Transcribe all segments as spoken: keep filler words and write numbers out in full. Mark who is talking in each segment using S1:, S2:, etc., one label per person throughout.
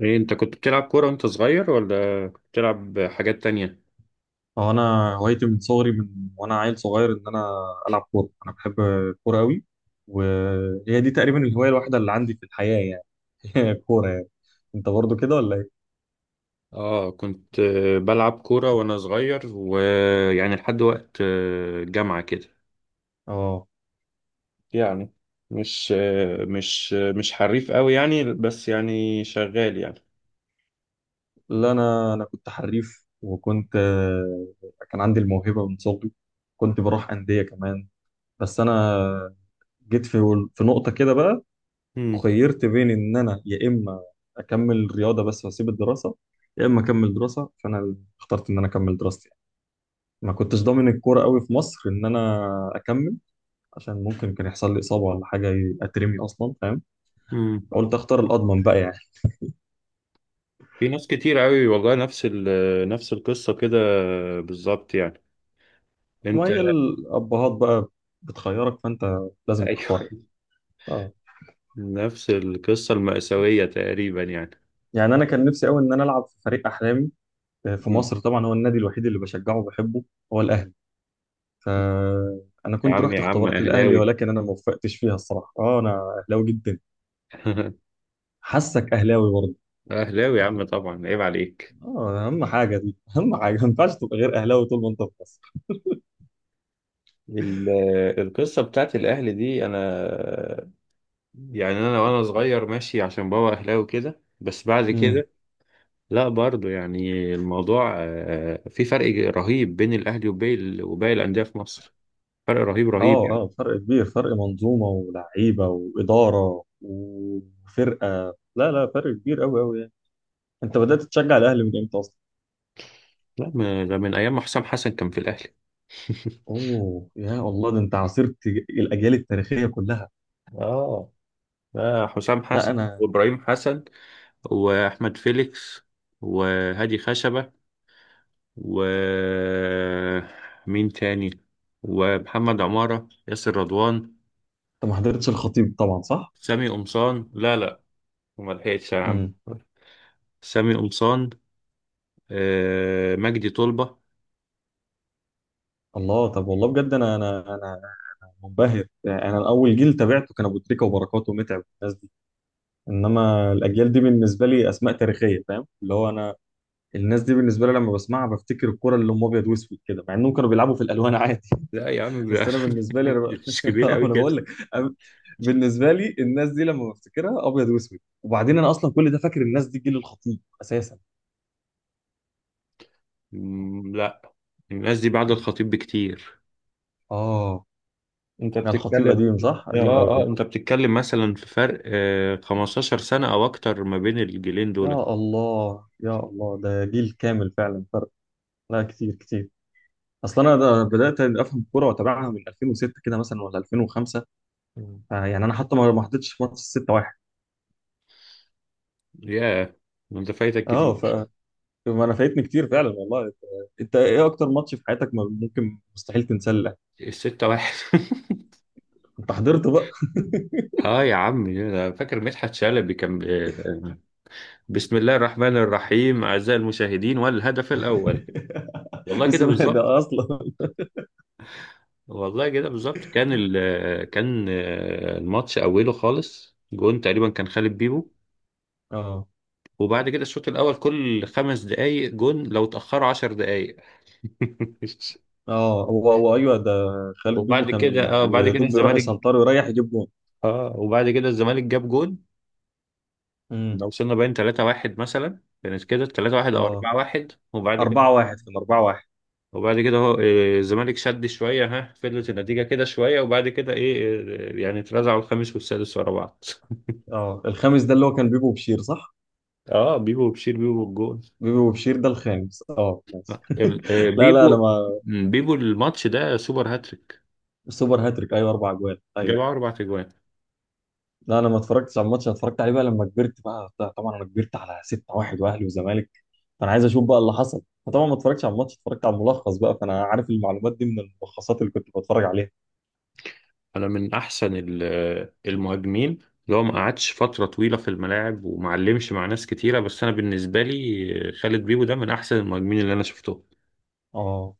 S1: ايه، انت كنت بتلعب كورة وانت صغير ولا بتلعب حاجات تانية؟
S2: هو انا هوايتي من صغري من وانا عيل صغير ان انا العب كوره. انا بحب الكوره قوي، وهي دي تقريبا الهوايه الوحيده اللي عندي في الحياه يعني. هي الكوره يعني. انت برضو كده ولا ايه؟
S1: اه، كنت آه، بلعب كورة وانا صغير، ويعني لحد وقت آه، الجامعة كده
S2: اه.
S1: يعني. مش آه، مش آه، مش حريف قوي يعني، بس يعني شغال يعني.
S2: لا، انا انا كنت حريف، وكنت آه، كان عندي الموهبه من صغري. كنت بروح انديه كمان، بس انا جيت في في نقطه كده بقى.
S1: امم.
S2: خيرت بين ان انا يا اما اكمل رياضه بس واسيب الدراسه، يا اما اكمل دراسه. فانا اخترت ان انا اكمل دراستي. ما كنتش ضامن الكوره قوي في مصر ان انا اكمل، عشان ممكن كان يحصل لي اصابه ولا حاجه اترمي اصلا، فاهم.
S1: امم.
S2: قلت اختار الاضمن بقى يعني.
S1: في ناس كتير قوي والله، نفس ال آه، نفس القصة كده بالظبط يعني.
S2: ما
S1: انت...
S2: هي الابهات بقى بتخيرك، فانت لازم تختار
S1: ايوه.
S2: يعني. آه.
S1: نفس القصة المأساوية تقريبا يعني.
S2: يعني انا كان نفسي قوي ان انا العب في فريق احلامي، آه، في
S1: مم.
S2: مصر. طبعا هو النادي الوحيد اللي بشجعه وبحبه هو الاهلي، فانا
S1: يا
S2: كنت
S1: عم،
S2: رحت
S1: يا عم،
S2: اختبارات الاهلي،
S1: اهلاوي.
S2: ولكن انا ما وفقتش فيها الصراحه. اه، انا اهلاوي جدا. حاسك اهلاوي برضه.
S1: أهلاوي يا عم، طبعا عيب عليك.
S2: اه، اهم حاجه دي، اهم حاجه ما ينفعش تبقى غير اهلاوي طول ما انت في مصر.
S1: ال- القصة بتاعت الأهلي دي، أنا يعني أنا وأنا صغير ماشي عشان بابا أهلاوي كده، بس بعد
S2: امم.
S1: كده لا، برضو يعني الموضوع آه، في فرق رهيب بين الأهلي وباقي ال- وباقي الأندية في مصر. فرق رهيب رهيب
S2: اه،
S1: يعني.
S2: اه، فرق كبير، فرق منظومه ولعيبه واداره وفرقه. لا، لا، فرق كبير قوي قوي يعني. انت بدات تشجع الاهلي من امتى اصلا؟
S1: لا، م- ده من أيام ما حسام حسن كان في الأهلي.
S2: اوه، يا الله، ده انت عاصرت الاجيال التاريخيه كلها.
S1: آه. آه، حسام
S2: لا
S1: حسن،
S2: انا.
S1: وإبراهيم حسن، وأحمد فيليكس، وهادي خشبة، ومين تاني، ومحمد عمارة، ياسر رضوان،
S2: انت ما حضرتش الخطيب طبعا، صح؟
S1: سامي قمصان. لا لا، ما لحقتش يا عم.
S2: امم.
S1: سامي قمصان، آه... مجدي طلبة.
S2: الله، طب والله بجد انا انا انا منبهر يعني. انا اول جيل تابعته كان ابو تريكه وبركات ومتعب والناس دي، انما الاجيال دي بالنسبه لي اسماء تاريخيه، فاهم؟ اللي هو انا الناس دي بالنسبه لي لما بسمعها بفتكر الكره اللي هم ابيض واسود كده، مع انهم كانوا بيلعبوا في الالوان عادي.
S1: لا يا عم،
S2: بس
S1: ب-
S2: انا بالنسبه لي انا ب...
S1: مش كبير
S2: آه،
S1: قوي
S2: انا بقول
S1: كده.
S2: لك. أنا بالنسبه لي الناس دي لما بفتكرها ابيض واسود، وبعدين انا اصلا كل ده فاكر الناس دي جيل الخطيب اساسا.
S1: مم، لا، الناس دي بعد الخطيب بكتير.
S2: اه،
S1: انت
S2: يعني الخطيب
S1: بتتكلم...
S2: قديم، صح؟
S1: اه
S2: قديم
S1: اه،
S2: قوي.
S1: انت بتتكلم مثلا في فرق آه خمستاشر سنة او اكتر ما بين الجيلين دول.
S2: يا الله، يا الله، ده جيل كامل فعلا فرق. لا، كتير كتير. اصلا انا ده بدات افهم الكوره واتابعها من الفين وستة كده مثلا، ولا الفين وخمسة.
S1: مم.
S2: يعني انا حتى ما ما حضرتش ماتش ستة واحد.
S1: ياه، انت فايتك
S2: اه، ف
S1: كتير.
S2: ما انا فايتني كتير فعلا والله. انت إنت ايه اكتر ماتش في حياتك ما ممكن مستحيل تنساه؟
S1: الستة واحد.
S2: انت حضرت بقى.
S1: اه يا عم، أنا فاكر مدحت شلبي كان ب- بسم الله الرحمن الرحيم، اعزائي المشاهدين، والهدف الاول. والله
S2: بس
S1: كده
S2: ده,
S1: بالظبط.
S2: ده اصلا.
S1: والله كده بالظبط، كان ال كان آه، الماتش اوله خالص جون، تقريبا كان خالد بيبو.
S2: اه،
S1: وبعد كده الشوط الاول كل خمس دقايق جون، لو اتاخروا عشر دقايق.
S2: اه، هو هو ايوه ده. خالد بيبو
S1: وبعد
S2: كان
S1: كده
S2: يعني
S1: اه، بعد
S2: يا
S1: كده
S2: دوب بيروح
S1: الزمالك
S2: يسنطر ويريح يجيب جون.
S1: اه وبعد كده الزمالك جاب جون.
S2: امم،
S1: لو وصلنا باين ثلاثة واحد مثلا، كانت كده ثلاثة واحد او
S2: اه،
S1: اربعة واحد، وبعد كده
S2: اربعة واحد كان اربعة واحد.
S1: وبعد كده هو إيه، الزمالك شد شوية، ها فضلت النتيجة كده شوية، وبعد كده إيه إيه، يعني اترزعوا الخامس والسادس ورا بعض.
S2: اه، الخامس ده اللي هو كان بيبو وبشير، صح؟
S1: أه، بيبو وبشير، بيبو بالجون.
S2: بيبو وبشير ده الخامس، اه ماشي.
S1: ال- آه،
S2: لا لا، انا
S1: بيبو
S2: ما.
S1: بيبو الماتش ده سوبر هاتريك.
S2: سوبر هاتريك، ايوه، اربع اجوال،
S1: جاب
S2: ايوه.
S1: أربع أجوان.
S2: لا، انا ما اتفرجتش على الماتش. أنا اتفرجت عليه بقى لما كبرت بقى. طبعا انا كبرت على ستة واحد واهلي وزمالك، فانا عايز اشوف بقى اللي حصل. فطبعا ما اتفرجتش على الماتش، اتفرجت على الملخص بقى، فانا عارف المعلومات دي من الملخصات اللي كنت بتفرج عليها.
S1: أنا من أحسن ال- آه، المهاجمين، اللي هو ما قعدش فترة طويلة في الملاعب، وما علمش مع ناس كتيرة، بس أنا بالنسبة لي آه، خالد بيبو ده من أحسن المهاجمين اللي أنا شفتهم.
S2: اه،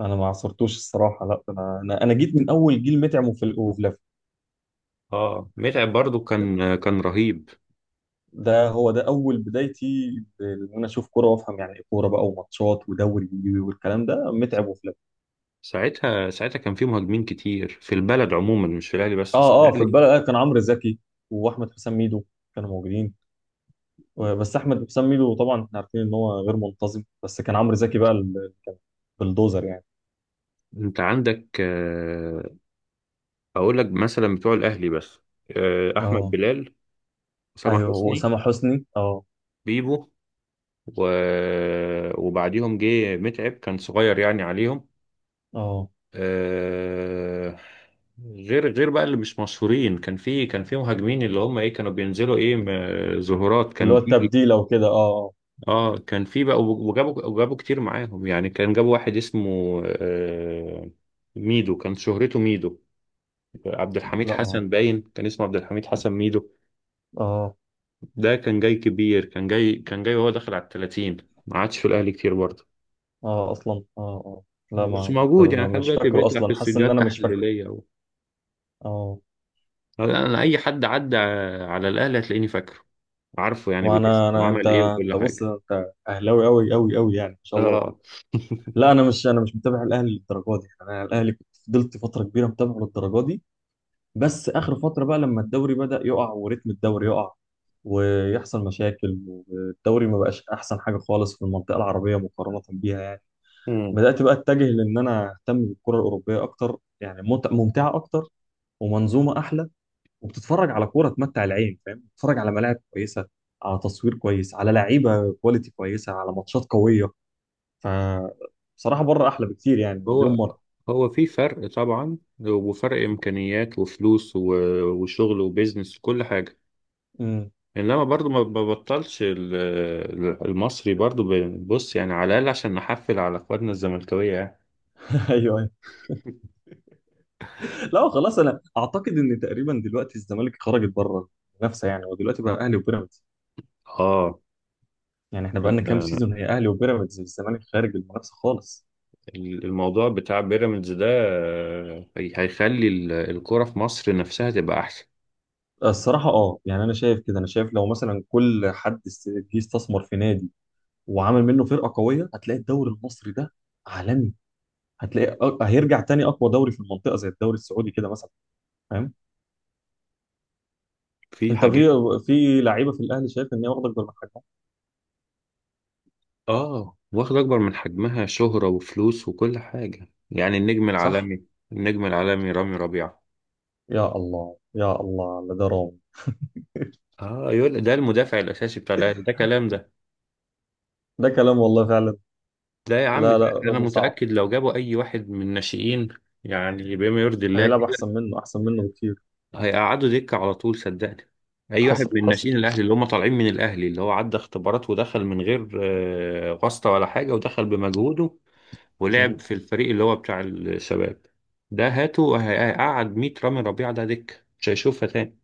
S2: انا ما عصرتوش الصراحه. لا، انا انا انا جيت من اول جيل متعم وفل- وفلافي.
S1: أه، متعب برضو
S2: ده,
S1: كان آه، كان رهيب.
S2: ده هو ده اول بدايتي، ان انا اشوف كوره وافهم يعني ايه كوره بقى وماتشات ودوري والكلام ده، متعب وفلافي.
S1: ساعتها ساعتها كان في مهاجمين كتير في البلد عموما، مش في الاهلي بس، بس
S2: اه، اه، في
S1: الاهلي.
S2: البلد، آه، كان عمرو زكي واحمد حسام ميدو كانوا موجودين، و- بس احمد حسام ميدو طبعا احنا عارفين ان هو غير منتظم، بس كان عمرو زكي بقى اللي كان بلدوزر يعني.
S1: انت عندك آه، اقول لك مثلا بتوع الاهلي بس. آه، احمد
S2: اه،
S1: بلال، سامح
S2: ايوه،
S1: حسني،
S2: واسامه حسني، اه.
S1: بيبو، و... وبعديهم جه متعب، كان صغير يعني عليهم.
S2: اه،
S1: آه، غير غير بقى، اللي مش مشهورين، كان في كان في مهاجمين اللي هم ايه كانوا بينزلوا ايه م- ظهورات
S2: اللي هو
S1: كان.
S2: التبديل او كده، اه. آه.
S1: اه، كان في بقى، وجابوا وجابوا كتير معاهم يعني، كان جابوا واحد اسمه آه، ميدو، كان شهرته ميدو. عبد الحميد
S2: لا ما.
S1: حسن، باين كان اسمه عبد الحميد حسن ميدو.
S2: اه،
S1: ده كان جاي كبير، كان جاي كان جاي وهو داخل على ال التلاتين. ما عادش في الاهلي كتير برضه،
S2: اه، اصلا. اه، اه. لا،
S1: بس
S2: ما ما حضر،
S1: موجود يعني،
S2: ما
S1: لحد
S2: مش
S1: دلوقتي
S2: فاكره
S1: بيطلع في
S2: اصلا، حاسس ان
S1: استديوهات
S2: انا مش فاكره.
S1: تحليليه و...
S2: اه.
S1: انا اي حد عدى على الاهلي هتلاقيني فاكره، عارفه يعني بالاسم
S2: وانا انا انت
S1: وعمل ايه وكل
S2: انت بص،
S1: حاجه.
S2: انت اهلاوي قوي قوي قوي يعني، ما شاء الله.
S1: اه،
S2: لا، انا مش انا مش متابع الاهلي للدرجه دي يعني. انا الاهلي كنت فضلت فتره كبيره متابعه للدرجه دي. بس اخر فتره بقى لما الدوري بدأ يقع، وريتم الدوري يقع، ويحصل مشاكل، والدوري ما بقاش احسن حاجه خالص في المنطقه العربيه مقارنه بيها يعني، بدأت بقى أتجه لأن أنا أهتم بالكرة الأوروبية أكتر. يعني ممت- ممتعة أكتر، ومنظومة أحلى، وبتتفرج على كورة تمتع العين، فاهم، بتتفرج على ملاعب كويسة، على تصوير كويس، على لعيبة كواليتي كويسة، على ماتشات قوية. ف بصراحة بره أحلى بكتير، يعني مليون
S1: هو
S2: مرة.
S1: هو في فرق طبعا، وفرق امكانيات وفلوس و- وشغل وبيزنس وكل حاجه.
S2: امم.
S1: انما برضو ما ببطلش ال- ال- المصري برضو، ب- بص يعني، على الاقل عشان نحفل على اخواتنا الزملكاويه يعني.
S2: أيوه، أيوه. لا، خلاص، أنا أعتقد إن تقريبا دلوقتي الزمالك خرجت بره المنافسة يعني. ودلوقتي بقى أهلي وبيراميدز،
S1: اه،
S2: يعني إحنا بقالنا كام
S1: أنا-
S2: سيزون هي أهلي وبيراميدز، الزمالك خارج المنافسة خالص.
S1: الموضوع بتاع بيراميدز ده آه، هيخلي ال- الكرة في مصر نفسها تبقى احسن.
S2: الصراحة اه يعني، أنا شايف كده، أنا شايف لو مثلا كل حد است- جه استثمر في نادي وعمل منه فرقة قوية، هتلاقي الدوري المصري ده عالمي. هتلاقي أ- هيرجع تاني أقوى دوري في المنطقة، زي الدوري السعودي كده مثلا، فاهم.
S1: في
S2: أنت
S1: حاجات.
S2: في في لعيبة في الأهلي شايف إن هي واخدة أكبر من حجمها،
S1: اه، واخد اكبر من حجمها شهرة وفلوس وكل حاجة، يعني النجم
S2: صح؟
S1: العالمي. النجم العالمي رامي ربيعة.
S2: يا الله، يا الله على ده رامي.
S1: اه، يقول ده المدافع الاساسي بتاع الاهلي؟ ده كلام ده؟
S2: ده كلام، والله فعلا.
S1: ده يا عم
S2: لا،
S1: ده.
S2: لا،
S1: انا
S2: رامي صعب.
S1: متاكد، لو جابوا اي واحد من الناشئين يعني بما يرضي الله
S2: هيلعب
S1: كده،
S2: أحسن منه، أحسن منه بكتير.
S1: هيقعدوا دكه على طول صدقني. اي واحد
S2: حصل،
S1: من
S2: حصل.
S1: الناشئين الاهلي، اللي هم طالعين من الاهلي، اللي هو عدى اختبارات ودخل من غير آه، واسطه ولا حاجه، ودخل بمجهوده، ولعب في
S2: مظبوط.
S1: الفريق اللي هو بتاع الشباب، ده هاته هيقعد مية رامي ربيعه، ده دكه مش هيشوفها تاني.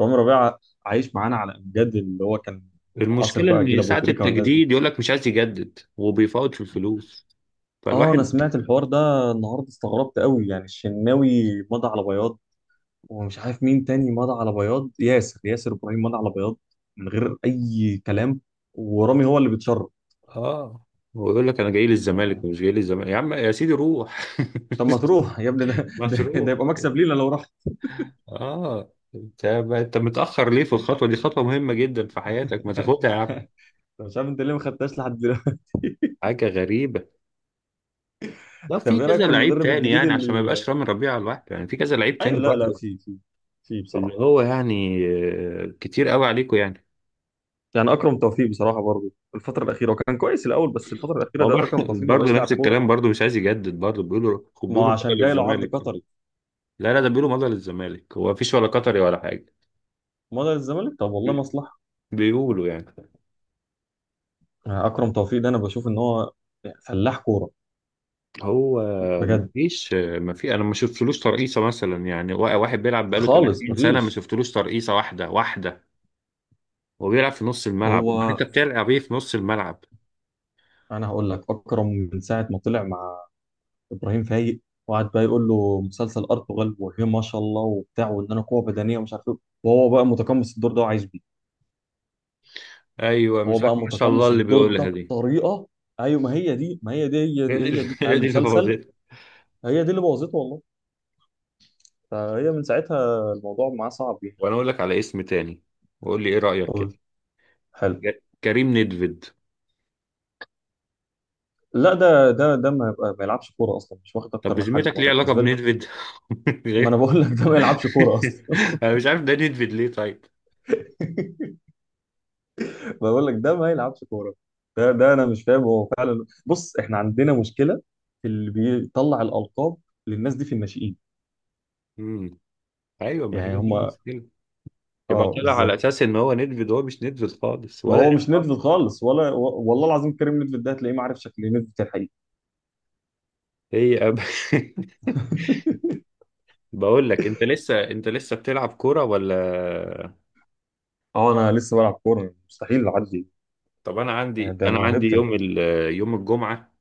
S2: رامي ربيعة عايش معانا على أمجاد اللي هو كان عاصر
S1: المشكله
S2: بقى جيل
S1: ان
S2: أبو
S1: ساعه
S2: تريكة والناس دي.
S1: التجديد يقول لك مش عايز يجدد، وبيفاوض في الفلوس،
S2: اه، انا
S1: فالواحد...
S2: سمعت الحوار ده النهارده، استغربت قوي يعني. الشناوي مضى على بياض، ومش عارف مين تاني مضى على بياض، ياسر ياسر ابراهيم مضى على بياض، من غير اي كلام. ورامي هو اللي بيتشرط
S1: اه، هو يقول لك انا جاي للزمالك،
S2: يعني.
S1: مش جاي للزمالك يا عم، يا سيدي روح.
S2: طب ما تروح يا ابني، ده
S1: ما
S2: ده,
S1: تروح.
S2: ده يبقى مكسب لينا لو راح.
S1: اه، انت انت متاخر ليه في الخطوه دي؟ خطوه مهمه جدا في حياتك، ما تاخدها يا عم.
S2: طب مش عارف انت ليه ما خدتهاش لحد دلوقتي.
S1: حاجه غريبه. لا، في
S2: طب ايه رايك
S1: كذا
S2: في
S1: لعيب
S2: المدرب
S1: تاني
S2: الجديد
S1: يعني، عشان ما
S2: اللي،
S1: يبقاش رامي ربيعه على الواحد يعني، في كذا لعيب
S2: ايوه،
S1: تاني
S2: لا، لا،
S1: برضه.
S2: في في في،
S1: اللي
S2: بصراحه.
S1: هو يعني آه، كتير قوي عليكم يعني.
S2: يعني اكرم توفيق بصراحه برضه الفتره الاخيره، وكان كويس الاول، بس الفتره الاخيره
S1: هو
S2: ده
S1: برضه
S2: اكرم توفيق ما
S1: برضه
S2: بقاش لاعب
S1: نفس
S2: كوره.
S1: الكلام، برضه مش عايز يجدد، برضه بيقولوا،
S2: ما هو
S1: بيقولوا
S2: عشان
S1: مضى
S2: جاي له عرض
S1: للزمالك.
S2: قطري.
S1: لا لا، ده بيقولوا مضى للزمالك، هو مفيش ولا قطري ولا حاجه.
S2: مضى للزمالك، طب والله
S1: بي-
S2: مصلحه.
S1: بيقولوا يعني.
S2: اكرم توفيق ده انا بشوف ان هو فلاح كوره
S1: هو
S2: بجد.
S1: مفيش مفيش، انا ما شفتلوش ترقيصه مثلا يعني، وا- واحد بيلعب بقاله
S2: خالص
S1: تلاتين سنه، ما
S2: مفيش.
S1: شفتلوش ترقيصه واحده واحده، وبيلعب في نص الملعب، امال انت
S2: هو
S1: بتلعب ايه في نص الملعب؟
S2: انا هقول لك، اكرم من ساعه ما طلع مع ابراهيم فايق، وقعد بقى يقول له مسلسل ارطغرل، وهي ما شاء الله، وبتاع، وان انا قوه بدنيه، ومش عارف ايه، وهو بقى متقمص الدور ده وعايش بيه.
S1: ايوه،
S2: هو
S1: مش عارف
S2: بقى
S1: ما شاء الله
S2: متقمص
S1: اللي
S2: الدور
S1: بيقولها
S2: ده
S1: دي.
S2: بطريقه. ايوه، ما هي دي، ما هي دي، هي
S1: هي
S2: دي،
S1: دي اللي-
S2: هي دي بتاع
S1: هي دي اللي
S2: المسلسل.
S1: بوظتها.
S2: هي دي اللي بوظته والله. فهي من ساعتها الموضوع معاه صعب يعني.
S1: وانا اقول لك على اسم تاني، وقول لي ايه رايك
S2: قول.
S1: كده.
S2: حلو.
S1: ك- كريم ندفيد.
S2: لا، ده ده ده ما، يبقى- ما يلعبش كوره اصلا، مش واخد
S1: طب
S2: اكتر من
S1: بذمتك،
S2: حجمه
S1: ليه
S2: انا
S1: علاقه
S2: بالنسبه لك.
S1: بندفيد؟
S2: ما انا
S1: غير-
S2: بقول لك ده ما يلعبش كوره اصلا.
S1: انا مش عارف، ده ندفيد ليه طيب؟
S2: بقول لك ده ما يلعبش كوره. ده ده انا مش فاهم هو فعلا. بص، احنا عندنا مشكله في اللي بيطلع الالقاب للناس دي في الناشئين،
S1: امم. ايوه، ما
S2: يعني
S1: هي دي
S2: هم.
S1: المشكله. يبقى
S2: اه،
S1: طلع على
S2: بالظبط.
S1: اساس ان هو نيدفيد، هو مش نيدفيد خالص ولا ليه؟
S2: وهو مش
S1: علاقة.
S2: ندفت خالص، ولا و- والله العظيم كريم ندفت ده هتلاقيه ما عارف شكل ندفت الحقيقي.
S1: هي أب... بقول لك، انت لسه انت لسه بتلعب كوره ولا؟
S2: اه، انا لسه بلعب كوره، مستحيل اعدي.
S1: طب انا
S2: يعني
S1: عندي
S2: ده
S1: انا عندي
S2: موهبتي
S1: يوم ال... يوم الجمعه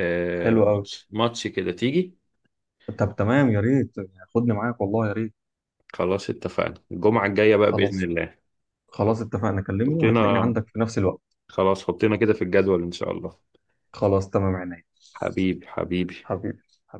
S1: آه،
S2: الحلوه قوي.
S1: ماتش ماتش كده، تيجي؟
S2: طب تمام، يا ريت يعني، خدني معاك والله يا ريت.
S1: خلاص، اتفقنا الجمعه الجايه بقى باذن
S2: خلاص.
S1: الله.
S2: خلاص اتفقنا كلمه، وهتلاقيني
S1: حطينا
S2: عندك في نفس الوقت.
S1: خلاص حطينا كده في الجدول ان شاء الله.
S2: خلاص، تمام عينيا.
S1: حبيبي حبيبي.
S2: حبيبي، حبيبي.